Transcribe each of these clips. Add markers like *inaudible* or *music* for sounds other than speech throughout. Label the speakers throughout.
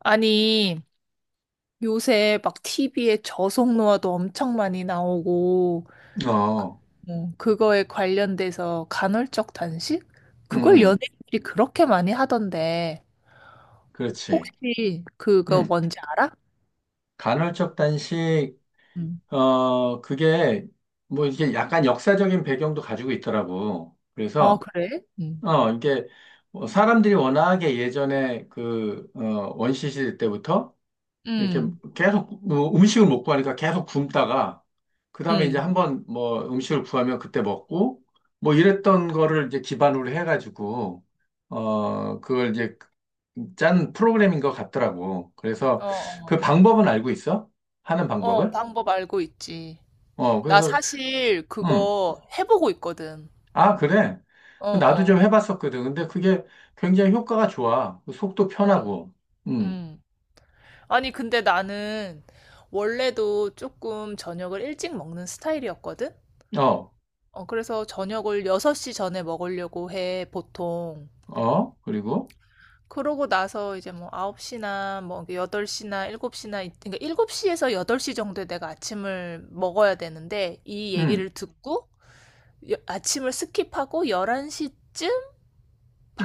Speaker 1: 아니, 요새 막 TV에 저속노화도 엄청 많이 나오고,
Speaker 2: 어,
Speaker 1: 그거에 관련돼서 간헐적 단식?
Speaker 2: 음,
Speaker 1: 그걸
Speaker 2: 음,
Speaker 1: 연예인들이 그렇게 많이 하던데,
Speaker 2: 그렇지.
Speaker 1: 혹시 그거
Speaker 2: 음,
Speaker 1: 뭔지 알아?
Speaker 2: 간헐적 단식, 그게, 뭐, 이게 약간 역사적인 배경도 가지고 있더라고.
Speaker 1: 아, 어,
Speaker 2: 그래서,
Speaker 1: 그래? 응.
Speaker 2: 이게, 뭐 사람들이 워낙에 예전에 원시시대 때부터 이렇게
Speaker 1: 응,
Speaker 2: 계속 음식을 못 구하니까 계속 굶다가 그다음에 이제
Speaker 1: 응.
Speaker 2: 한번 뭐 음식을 구하면 그때 먹고 뭐 이랬던 거를 이제 기반으로 해가지고 그걸 이제 짠 프로그램인 것 같더라고. 그래서
Speaker 1: 어,
Speaker 2: 그
Speaker 1: 어.
Speaker 2: 방법은 알고 있어? 하는
Speaker 1: 어,
Speaker 2: 방법을?
Speaker 1: 방법 알고 있지. 나
Speaker 2: 그래서.
Speaker 1: 사실
Speaker 2: 음.
Speaker 1: 그거 해보고 있거든.
Speaker 2: 아, 그래.
Speaker 1: 어,
Speaker 2: 그 나도 좀
Speaker 1: 어.
Speaker 2: 해봤었거든. 근데 그게 굉장히 효과가 좋아. 그 속도
Speaker 1: 응,
Speaker 2: 편하고. 음.
Speaker 1: 응. 아니, 근데 나는 원래도 조금 저녁을 일찍 먹는 스타일이었거든?
Speaker 2: 어.
Speaker 1: 어, 그래서 저녁을 6시 전에 먹으려고 해, 보통.
Speaker 2: 어. 그리고
Speaker 1: 그러고 나서 이제 뭐 9시나 뭐 8시나 7시나, 그러니까 7시에서 8시 정도에 내가 아침을 먹어야 되는데, 이 얘기를
Speaker 2: 음.
Speaker 1: 듣고 아침을 스킵하고 11시쯤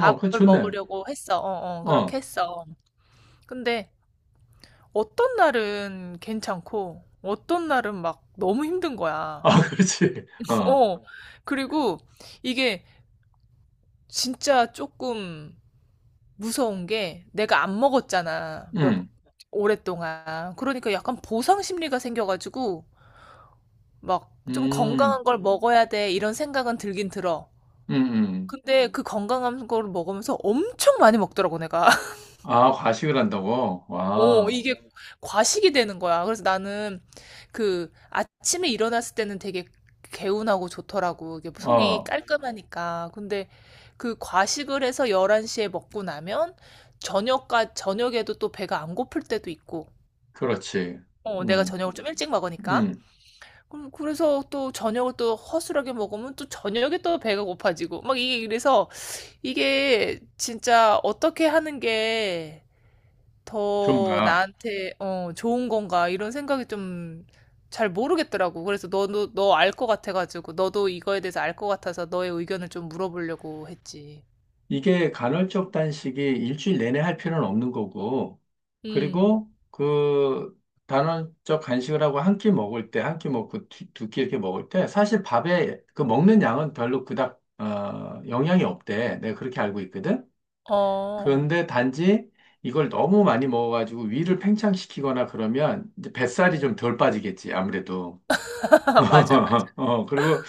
Speaker 2: 어. 그 좋네.
Speaker 1: 먹으려고 했어. 어, 어, 그렇게
Speaker 2: 어.
Speaker 1: 했어. 근데 어떤 날은 괜찮고, 어떤 날은 막 너무 힘든 거야.
Speaker 2: 아, *laughs* 그렇지. 어.
Speaker 1: 어, 그리고 이게 진짜 조금 무서운 게 내가 안 먹었잖아. 몇,
Speaker 2: 음.
Speaker 1: 오랫동안. 그러니까 약간 보상 심리가 생겨가지고 막 좀
Speaker 2: 음.
Speaker 1: 건강한 걸 먹어야 돼 이런 생각은 들긴 들어.
Speaker 2: 음. 음.
Speaker 1: 근데 그 건강한 걸 먹으면서 엄청 많이 먹더라고, 내가.
Speaker 2: 아, 과식을 한다고?
Speaker 1: 어,
Speaker 2: 와,
Speaker 1: 이게 과식이 되는 거야. 그래서 나는 그 아침에 일어났을 때는 되게 개운하고 좋더라고. 이게 속이
Speaker 2: 어,
Speaker 1: 깔끔하니까. 근데 그 과식을 해서 11시에 먹고 나면 저녁에도 또 배가 안 고플 때도 있고.
Speaker 2: 그렇지.
Speaker 1: 어, 내가
Speaker 2: 음.
Speaker 1: 저녁을 좀 일찍 먹으니까.
Speaker 2: 음.
Speaker 1: 그럼 그래서 또 저녁을 또 허술하게 먹으면 또 저녁에 또 배가 고파지고. 막 이게 그래서 이게 진짜 어떻게 하는 게 더
Speaker 2: 좋은가.
Speaker 1: 나한테 어, 좋은 건가 이런 생각이 좀 잘 모르겠더라고. 그래서 너도 너 알 것 같아가지고 너도 이거에 대해서 알 것 같아서 너의 의견을 좀 물어보려고 했지.
Speaker 2: 이게 간헐적 단식이 일주일 내내 할 필요는 없는 거고,
Speaker 1: 음.
Speaker 2: 그리고 그 간헐적 간식을 하고 한 끼 먹을 때, 한 끼 먹고 두 끼 이렇게 먹을 때, 사실 밥에 그 먹는 양은 별로 그닥, 영향이 없대. 내가 그렇게 알고 있거든.
Speaker 1: 어.
Speaker 2: 그런데 단지 이걸 너무 많이 먹어가지고 위를 팽창시키거나 그러면 이제 뱃살이
Speaker 1: 어.
Speaker 2: 좀 덜 빠지겠지, 아무래도.
Speaker 1: *laughs* 맞아,
Speaker 2: *laughs*
Speaker 1: 맞아.
Speaker 2: 어, 그리고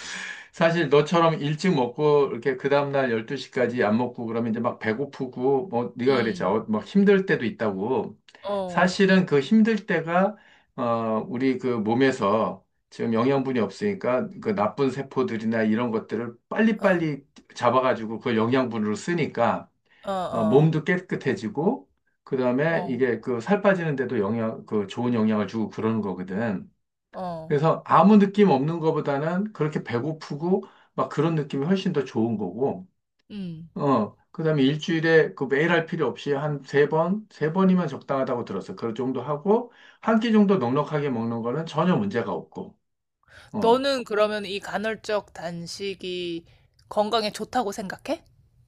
Speaker 2: 사실 너처럼 일찍 먹고 이렇게 그 다음날 12시까지 안 먹고 그러면 이제 막 배고프고 뭐 네가 그랬지, 어,
Speaker 1: 음.
Speaker 2: 막 힘들 때도 있다고.
Speaker 1: 어.
Speaker 2: 사실은 그 힘들 때가 우리 그 몸에서 지금 영양분이 없으니까 그 나쁜 세포들이나 이런 것들을
Speaker 1: 어.
Speaker 2: 빨리빨리 잡아가지고 그 영양분으로 쓰니까
Speaker 1: 어.
Speaker 2: 어,
Speaker 1: 어.
Speaker 2: 몸도 깨끗해지고, 그 다음에
Speaker 1: 어.
Speaker 2: 이게 그 살 빠지는데도 영향, 그 좋은 영향을 주고 그러는 거거든.
Speaker 1: 어.
Speaker 2: 그래서 아무 느낌 없는 거보다는 그렇게 배고프고 막 그런 느낌이 훨씬 더 좋은 거고,
Speaker 1: 음.
Speaker 2: 어, 그 다음에 일주일에 그 매일 할 필요 없이 한 세 번, 세 번이면 적당하다고 들었어. 그 정도 하고, 한끼 정도 넉넉하게 먹는 거는 전혀 문제가 없고, 어.
Speaker 1: 너는 그러면 이 간헐적 단식이 건강에 좋다고 생각해?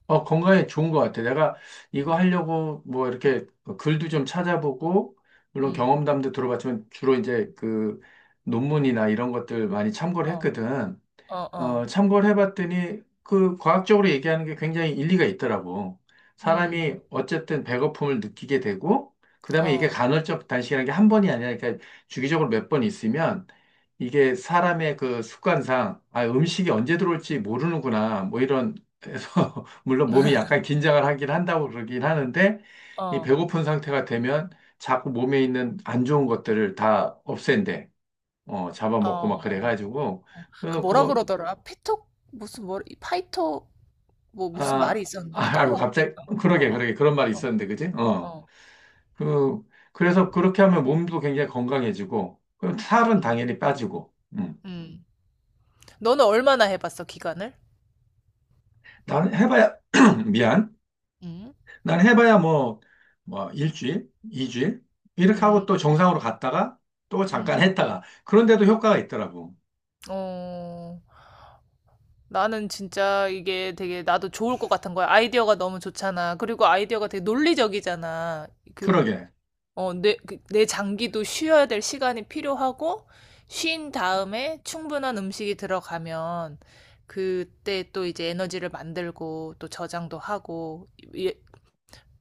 Speaker 2: 어, 건강에 좋은 것 같아. 내가
Speaker 1: 음.
Speaker 2: 이거 하려고 뭐 이렇게 글도 좀 찾아보고, 물론
Speaker 1: 음.
Speaker 2: 경험담도 들어봤지만 주로 이제 그 논문이나 이런 것들 많이 참고를
Speaker 1: 어.
Speaker 2: 했거든.
Speaker 1: 어.
Speaker 2: 어,
Speaker 1: 어.
Speaker 2: 참고를 해봤더니 그 과학적으로 얘기하는 게 굉장히 일리가 있더라고.
Speaker 1: 음.
Speaker 2: 사람이 어쨌든 배고픔을 느끼게 되고, 그다음에 이게
Speaker 1: 어.
Speaker 2: 간헐적 단식이라는 게 한 번이 아니라 그러니까 주기적으로 몇 번 있으면 이게 사람의 그 습관상 아, 음식이 언제 들어올지 모르는구나 뭐 이런 해서 *laughs* 물론 몸이 약간 긴장을 하긴 한다고 그러긴 하는데 이
Speaker 1: 어.
Speaker 2: 배고픈 상태가 되면 자꾸 몸에 있는 안 좋은 것들을 다 없앤대. 어, 잡아먹고 막
Speaker 1: 어.
Speaker 2: 그래가지고
Speaker 1: 그
Speaker 2: 그래서.
Speaker 1: 뭐라 그러더라? 피터 무슨 뭐 파이터 뭐
Speaker 2: 아,
Speaker 1: 무슨
Speaker 2: 아,
Speaker 1: 말이 있었는데
Speaker 2: 아이고,
Speaker 1: 까먹었다.
Speaker 2: 갑자기,
Speaker 1: 어,
Speaker 2: 그러게,
Speaker 1: 어,
Speaker 2: 그러게, 그런 말이
Speaker 1: 어,
Speaker 2: 있었는데, 그지? 어.
Speaker 1: 어.
Speaker 2: 그, 그래서 그렇게 하면 몸도 굉장히 건강해지고, 그럼 살은
Speaker 1: 음.
Speaker 2: 당연히 빠지고,
Speaker 1: 음. 너는 얼마나 해봤어, 기간을?
Speaker 2: 난 해봐야, *clears throat* 미안.
Speaker 1: 음.
Speaker 2: 난 해봐야 뭐, 뭐, 일주일, 이주일, 이렇게 하고 또
Speaker 1: 음.
Speaker 2: 정상으로 갔다가, 또 잠깐
Speaker 1: 음.
Speaker 2: 했다가, 그런데도 효과가 있더라고.
Speaker 1: 어. 나는 진짜 이게 되게 나도 좋을 것 같은 거야. 아이디어가 너무 좋잖아. 그리고 아이디어가 되게 논리적이잖아. 그
Speaker 2: 그러게,
Speaker 1: 어, 내 장기도 쉬어야 될 시간이 필요하고, 쉰 다음에 충분한 음식이 들어가면, 그때 또 이제 에너지를 만들고, 또 저장도 하고, 예-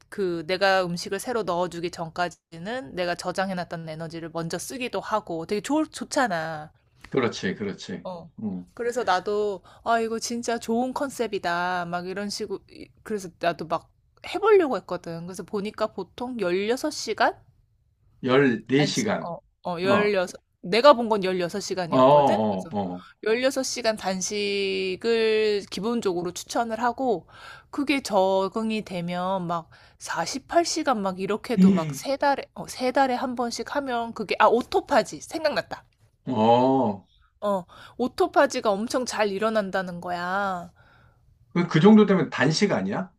Speaker 1: 그 내가 음식을 새로 넣어주기 전까지는 내가 저장해놨던 에너지를 먼저 쓰기도 하고, 되게 좋잖아.
Speaker 2: 그렇지, 그렇지.
Speaker 1: 어.
Speaker 2: 음.
Speaker 1: 그래서 나도, 아, 이거 진짜 좋은 컨셉이다. 막 이런 식으로, 이- 그래서 나도 막 해보려고 했거든. 그래서 보니까 보통 16시간?
Speaker 2: 14시간.
Speaker 1: 어, 어,
Speaker 2: 어,
Speaker 1: 여섯 내가 본 건
Speaker 2: 어,
Speaker 1: 16시간이었거든?
Speaker 2: 어,
Speaker 1: 그래서
Speaker 2: 어.
Speaker 1: 16시간 단식을 기본적으로 추천을 하고, 그게 적응이 되면 막 48시간 막 이렇게도 막
Speaker 2: 음.
Speaker 1: 세 달에, 어, 세 달에 한 번씩 하면 그게, 아, 오토파지. 생각났다.
Speaker 2: 어,
Speaker 1: 어, 오토파지가 엄청 잘 일어난다는 거야.
Speaker 2: 그 정도 되면 단식 아니야?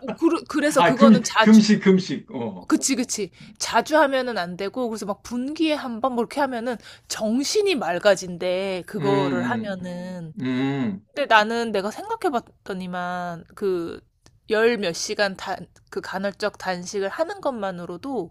Speaker 1: 어, 그래서
Speaker 2: 아, 금,
Speaker 1: 그거는
Speaker 2: 금식, 금식. 어.
Speaker 1: 그치, 그치. 자주 하면은 안 되고, 그래서 막 분기에 한 번, 뭐 이렇게 하면은 정신이 맑아진대, 그거를
Speaker 2: 음.
Speaker 1: 하면은.
Speaker 2: 음. 음.
Speaker 1: 근데 나는 내가 생각해 봤더니만, 그, 열 몇 시간 그 간헐적 단식을 하는 것만으로도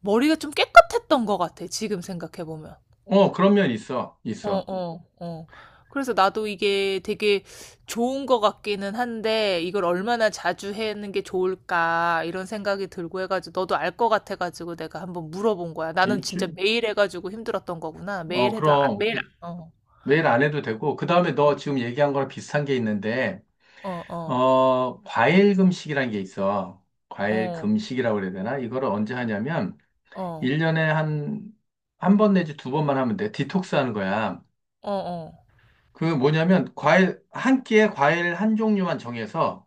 Speaker 1: 머리가 좀 깨끗했던 것 같아, 지금 생각해 보면.
Speaker 2: 어, 그런 면 있어.
Speaker 1: 어,
Speaker 2: 있어.
Speaker 1: 어, 어. 그래서 나도 이게 되게 좋은 것 같기는 한데, 이걸 얼마나 자주 하는 게 좋을까, 이런 생각이 들고 해가지고, 너도 알 것 같아가지고 내가 한번 물어본 거야. 나는 진짜
Speaker 2: 일주일.
Speaker 1: 매일 해가지고 힘들었던 거구나.
Speaker 2: 어,
Speaker 1: 매일 해도, 아-
Speaker 2: 그럼.
Speaker 1: 매일,
Speaker 2: 그,
Speaker 1: 안- 어,
Speaker 2: 매일 안 해도 되고. 그 다음에 너
Speaker 1: 어,
Speaker 2: 지금 얘기한 거랑 비슷한 게 있는데,
Speaker 1: 어, 어,
Speaker 2: 어, 과일 금식이라는 게 있어. 과일
Speaker 1: 어,
Speaker 2: 금식이라고 그래야 되나? 이거를 언제 하냐면,
Speaker 1: 어, 어,
Speaker 2: 1년에 한, 한 번 내지 두 번만 하면 돼. 디톡스 하는 거야.
Speaker 1: 어,
Speaker 2: 그 뭐냐면, 과일, 한 끼에 과일 한 종류만 정해서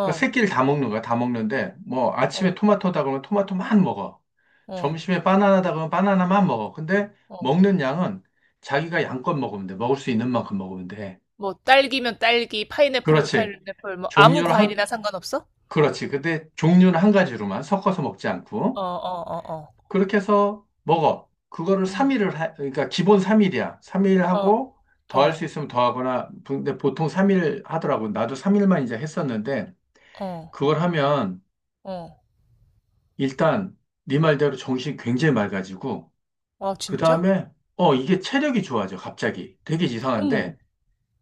Speaker 2: 그러니까 새끼를 다 먹는 거야. 다 먹는데 뭐 아침에
Speaker 1: 어,
Speaker 2: 토마토다 그러면 토마토만 먹어.
Speaker 1: 어,
Speaker 2: 점심에 바나나다 그러면 바나나만 먹어. 근데
Speaker 1: 어.
Speaker 2: 먹는 양은 자기가 양껏 먹으면 돼. 먹을 수 있는 만큼 먹으면 돼.
Speaker 1: 뭐, 딸기면 딸기, 파인애플이면
Speaker 2: 그렇지.
Speaker 1: 파인애플, 뭐, 아무
Speaker 2: 종류를 한
Speaker 1: 과일이나 상관없어?
Speaker 2: 그렇지. 근데 종류는 한 가지로만 섞어서 먹지
Speaker 1: 어,
Speaker 2: 않고
Speaker 1: 어, 어, 어.
Speaker 2: 그렇게 해서 먹어. 그거를
Speaker 1: 응,
Speaker 2: 3일을 하, 그러니까 기본 3일이야. 3일
Speaker 1: 어,
Speaker 2: 하고 더 할 수
Speaker 1: 어,
Speaker 2: 있으면 더 하거나 근데 보통 3일 하더라고. 나도 3일만 이제 했었는데
Speaker 1: 어,
Speaker 2: 그걸 하면
Speaker 1: 어.
Speaker 2: 일단 네 말대로 정신이 굉장히 맑아지고
Speaker 1: 아,
Speaker 2: 그
Speaker 1: 진짜?
Speaker 2: 다음에 이게 체력이 좋아져 갑자기 되게
Speaker 1: 어머,
Speaker 2: 이상한데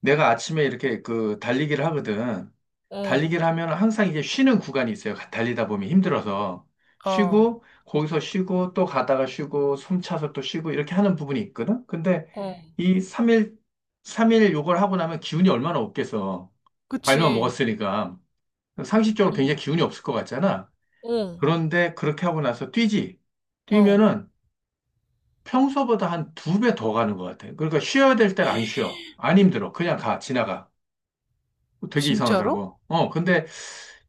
Speaker 2: 내가 아침에 이렇게 그 달리기를 하거든.
Speaker 1: 어,
Speaker 2: 달리기를 하면 항상 이게 쉬는 구간이 있어요. 달리다 보면 힘들어서
Speaker 1: 아, 어,
Speaker 2: 쉬고 거기서 쉬고 또 가다가 쉬고 숨 차서 또 쉬고 이렇게 하는 부분이 있거든. 근데
Speaker 1: 음,
Speaker 2: 이 3일 삼일 요걸 하고 나면 기운이 얼마나 없겠어. 과일만
Speaker 1: 그치.
Speaker 2: 먹었으니까 상식적으로
Speaker 1: 응.
Speaker 2: 굉장히 기운이 없을 것 같잖아.
Speaker 1: 어,
Speaker 2: 그런데 그렇게 하고 나서 뛰지.
Speaker 1: 어,
Speaker 2: 뛰면은 평소보다 한 2배 더 가는 것 같아. 그러니까 쉬어야 될 때를 안 쉬어. 안 힘들어. 그냥 가, 지나가. 되게
Speaker 1: 진짜로?
Speaker 2: 이상하더라고. 어, 근데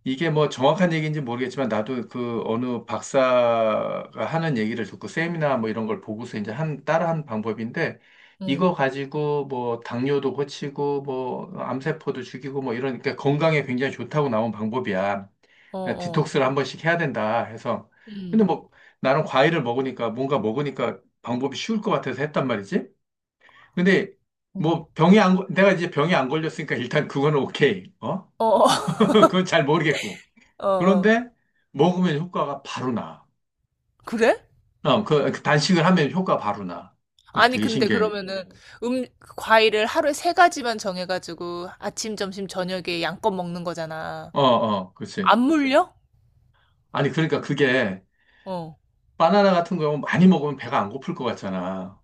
Speaker 2: 이게 뭐 정확한 얘기인지 모르겠지만 나도 그 어느 박사가 하는 얘기를 듣고 세미나 뭐 이런 걸 보고서 이제 한, 따라한 방법인데
Speaker 1: 응.
Speaker 2: 이거 가지고 뭐 당뇨도 고치고 뭐 암세포도 죽이고 뭐 이러니까 건강에 굉장히 좋다고 나온 방법이야.
Speaker 1: 어,
Speaker 2: 그냥
Speaker 1: 어,
Speaker 2: 디톡스를 한 번씩 해야 된다 해서.
Speaker 1: 응.
Speaker 2: 근데 뭐 나는 과일을 먹으니까 뭔가 먹으니까 방법이 쉬울 것 같아서 했단 말이지. 근데
Speaker 1: 응.
Speaker 2: 뭐 병이 안, 걸- 내가 이제 병이 안 걸렸으니까 일단 그거는 오케이. 어?
Speaker 1: 어, 어,
Speaker 2: *laughs* 그건
Speaker 1: *laughs*
Speaker 2: 잘 모르겠고.
Speaker 1: 어. 어.
Speaker 2: 그런데 먹으면 효과가 바로 나.
Speaker 1: 그래?
Speaker 2: 그 단식을 하면 효과 바로 나. 그것이
Speaker 1: 아니,
Speaker 2: 되게
Speaker 1: 근데
Speaker 2: 신기해.
Speaker 1: 그러면은 음, 과일을 하루에 세 가지만 정해가지고 아침, 점심, 저녁에 양껏 먹는 거잖아.
Speaker 2: 어, 어, 그렇지.
Speaker 1: 안 물려?
Speaker 2: 아니, 그러니까 그게
Speaker 1: 어,
Speaker 2: 바나나 같은 거 많이 먹으면 배가 안 고플 것 같잖아.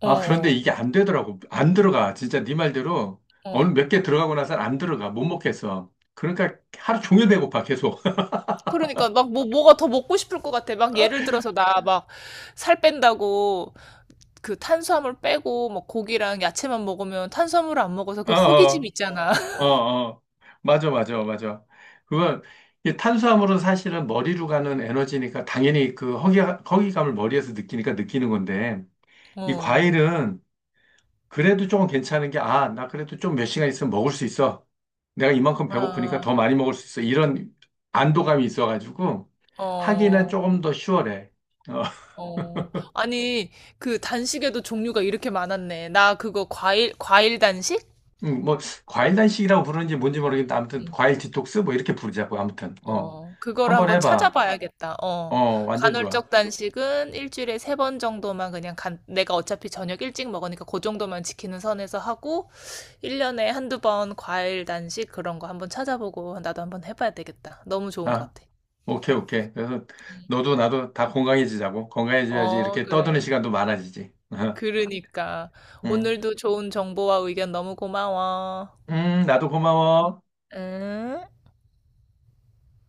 Speaker 1: 어,
Speaker 2: 아, 그런데
Speaker 1: 어,
Speaker 2: 이게 안 되더라고. 안 들어가. 진짜 네 말대로 어느
Speaker 1: 어.
Speaker 2: 몇 개 들어가고 나서 안 들어가. 못 먹겠어. 그러니까 하루 종일 배고파, 계속. *laughs*
Speaker 1: 그러니까 막 뭐, 뭐가 더 먹고 싶을 것 같아. 막 예를 들어서 나 막 살 뺀다고 그 탄수화물 빼고 뭐 고기랑 야채만 먹으면 탄수화물을 안 먹어서
Speaker 2: 어.
Speaker 1: 그 허기짐
Speaker 2: 어.
Speaker 1: 있잖아.
Speaker 2: 어.
Speaker 1: *laughs*
Speaker 2: 어. 맞아, 맞아, 맞아. 그건 이 탄수화물은 사실은 머리로 가는 에너지니까 당연히 그 허기감을 머리에서 느끼니까 느끼는 건데 이
Speaker 1: 어.
Speaker 2: 과일은 그래도 조금 괜찮은 게 아, 나 그래도 좀 몇 시간 있으면 먹을 수 있어. 내가 이만큼 배고프니까
Speaker 1: 아.
Speaker 2: 더 많이 먹을 수 있어. 이런 안도감이 있어가지고 하기는
Speaker 1: 어.
Speaker 2: 조금 더 쉬워래. 어, *laughs*
Speaker 1: 어. 아니, 그 단식에도 종류가 이렇게 많았네. 나 그거 과일 단식?
Speaker 2: 뭐 과일 단식이라고 부르는지 뭔지
Speaker 1: 어.
Speaker 2: 모르겠는데 아무튼
Speaker 1: 음.
Speaker 2: 과일 디톡스 뭐 이렇게 부르자고. 아무튼 어,
Speaker 1: 어. 그거를
Speaker 2: 한번
Speaker 1: 한번
Speaker 2: 해봐.
Speaker 1: 찾아봐야겠다. 어.
Speaker 2: 어, 완전 좋아.
Speaker 1: 간헐적 단식은 일주일에 세 번 정도만 그냥 간, 내가 어차피 저녁 일찍 먹으니까 그 정도만 지키는 선에서 하고 1년에 한두 번 과일 단식 그런 거 한번 찾아보고 나도 한번 해봐야 되겠다. 너무 좋은
Speaker 2: 아,
Speaker 1: 것 같아.
Speaker 2: 오케이, 오케이. 그래서 너도 나도 다 건강해지자고. 건강해져야지
Speaker 1: 어,
Speaker 2: 이렇게 떠드는
Speaker 1: 그래.
Speaker 2: 시간도 많아지지. *laughs*
Speaker 1: 그러니까.
Speaker 2: 음.
Speaker 1: 오늘도 좋은 정보와 의견 너무 고마워.
Speaker 2: 나도 고마워.
Speaker 1: 응?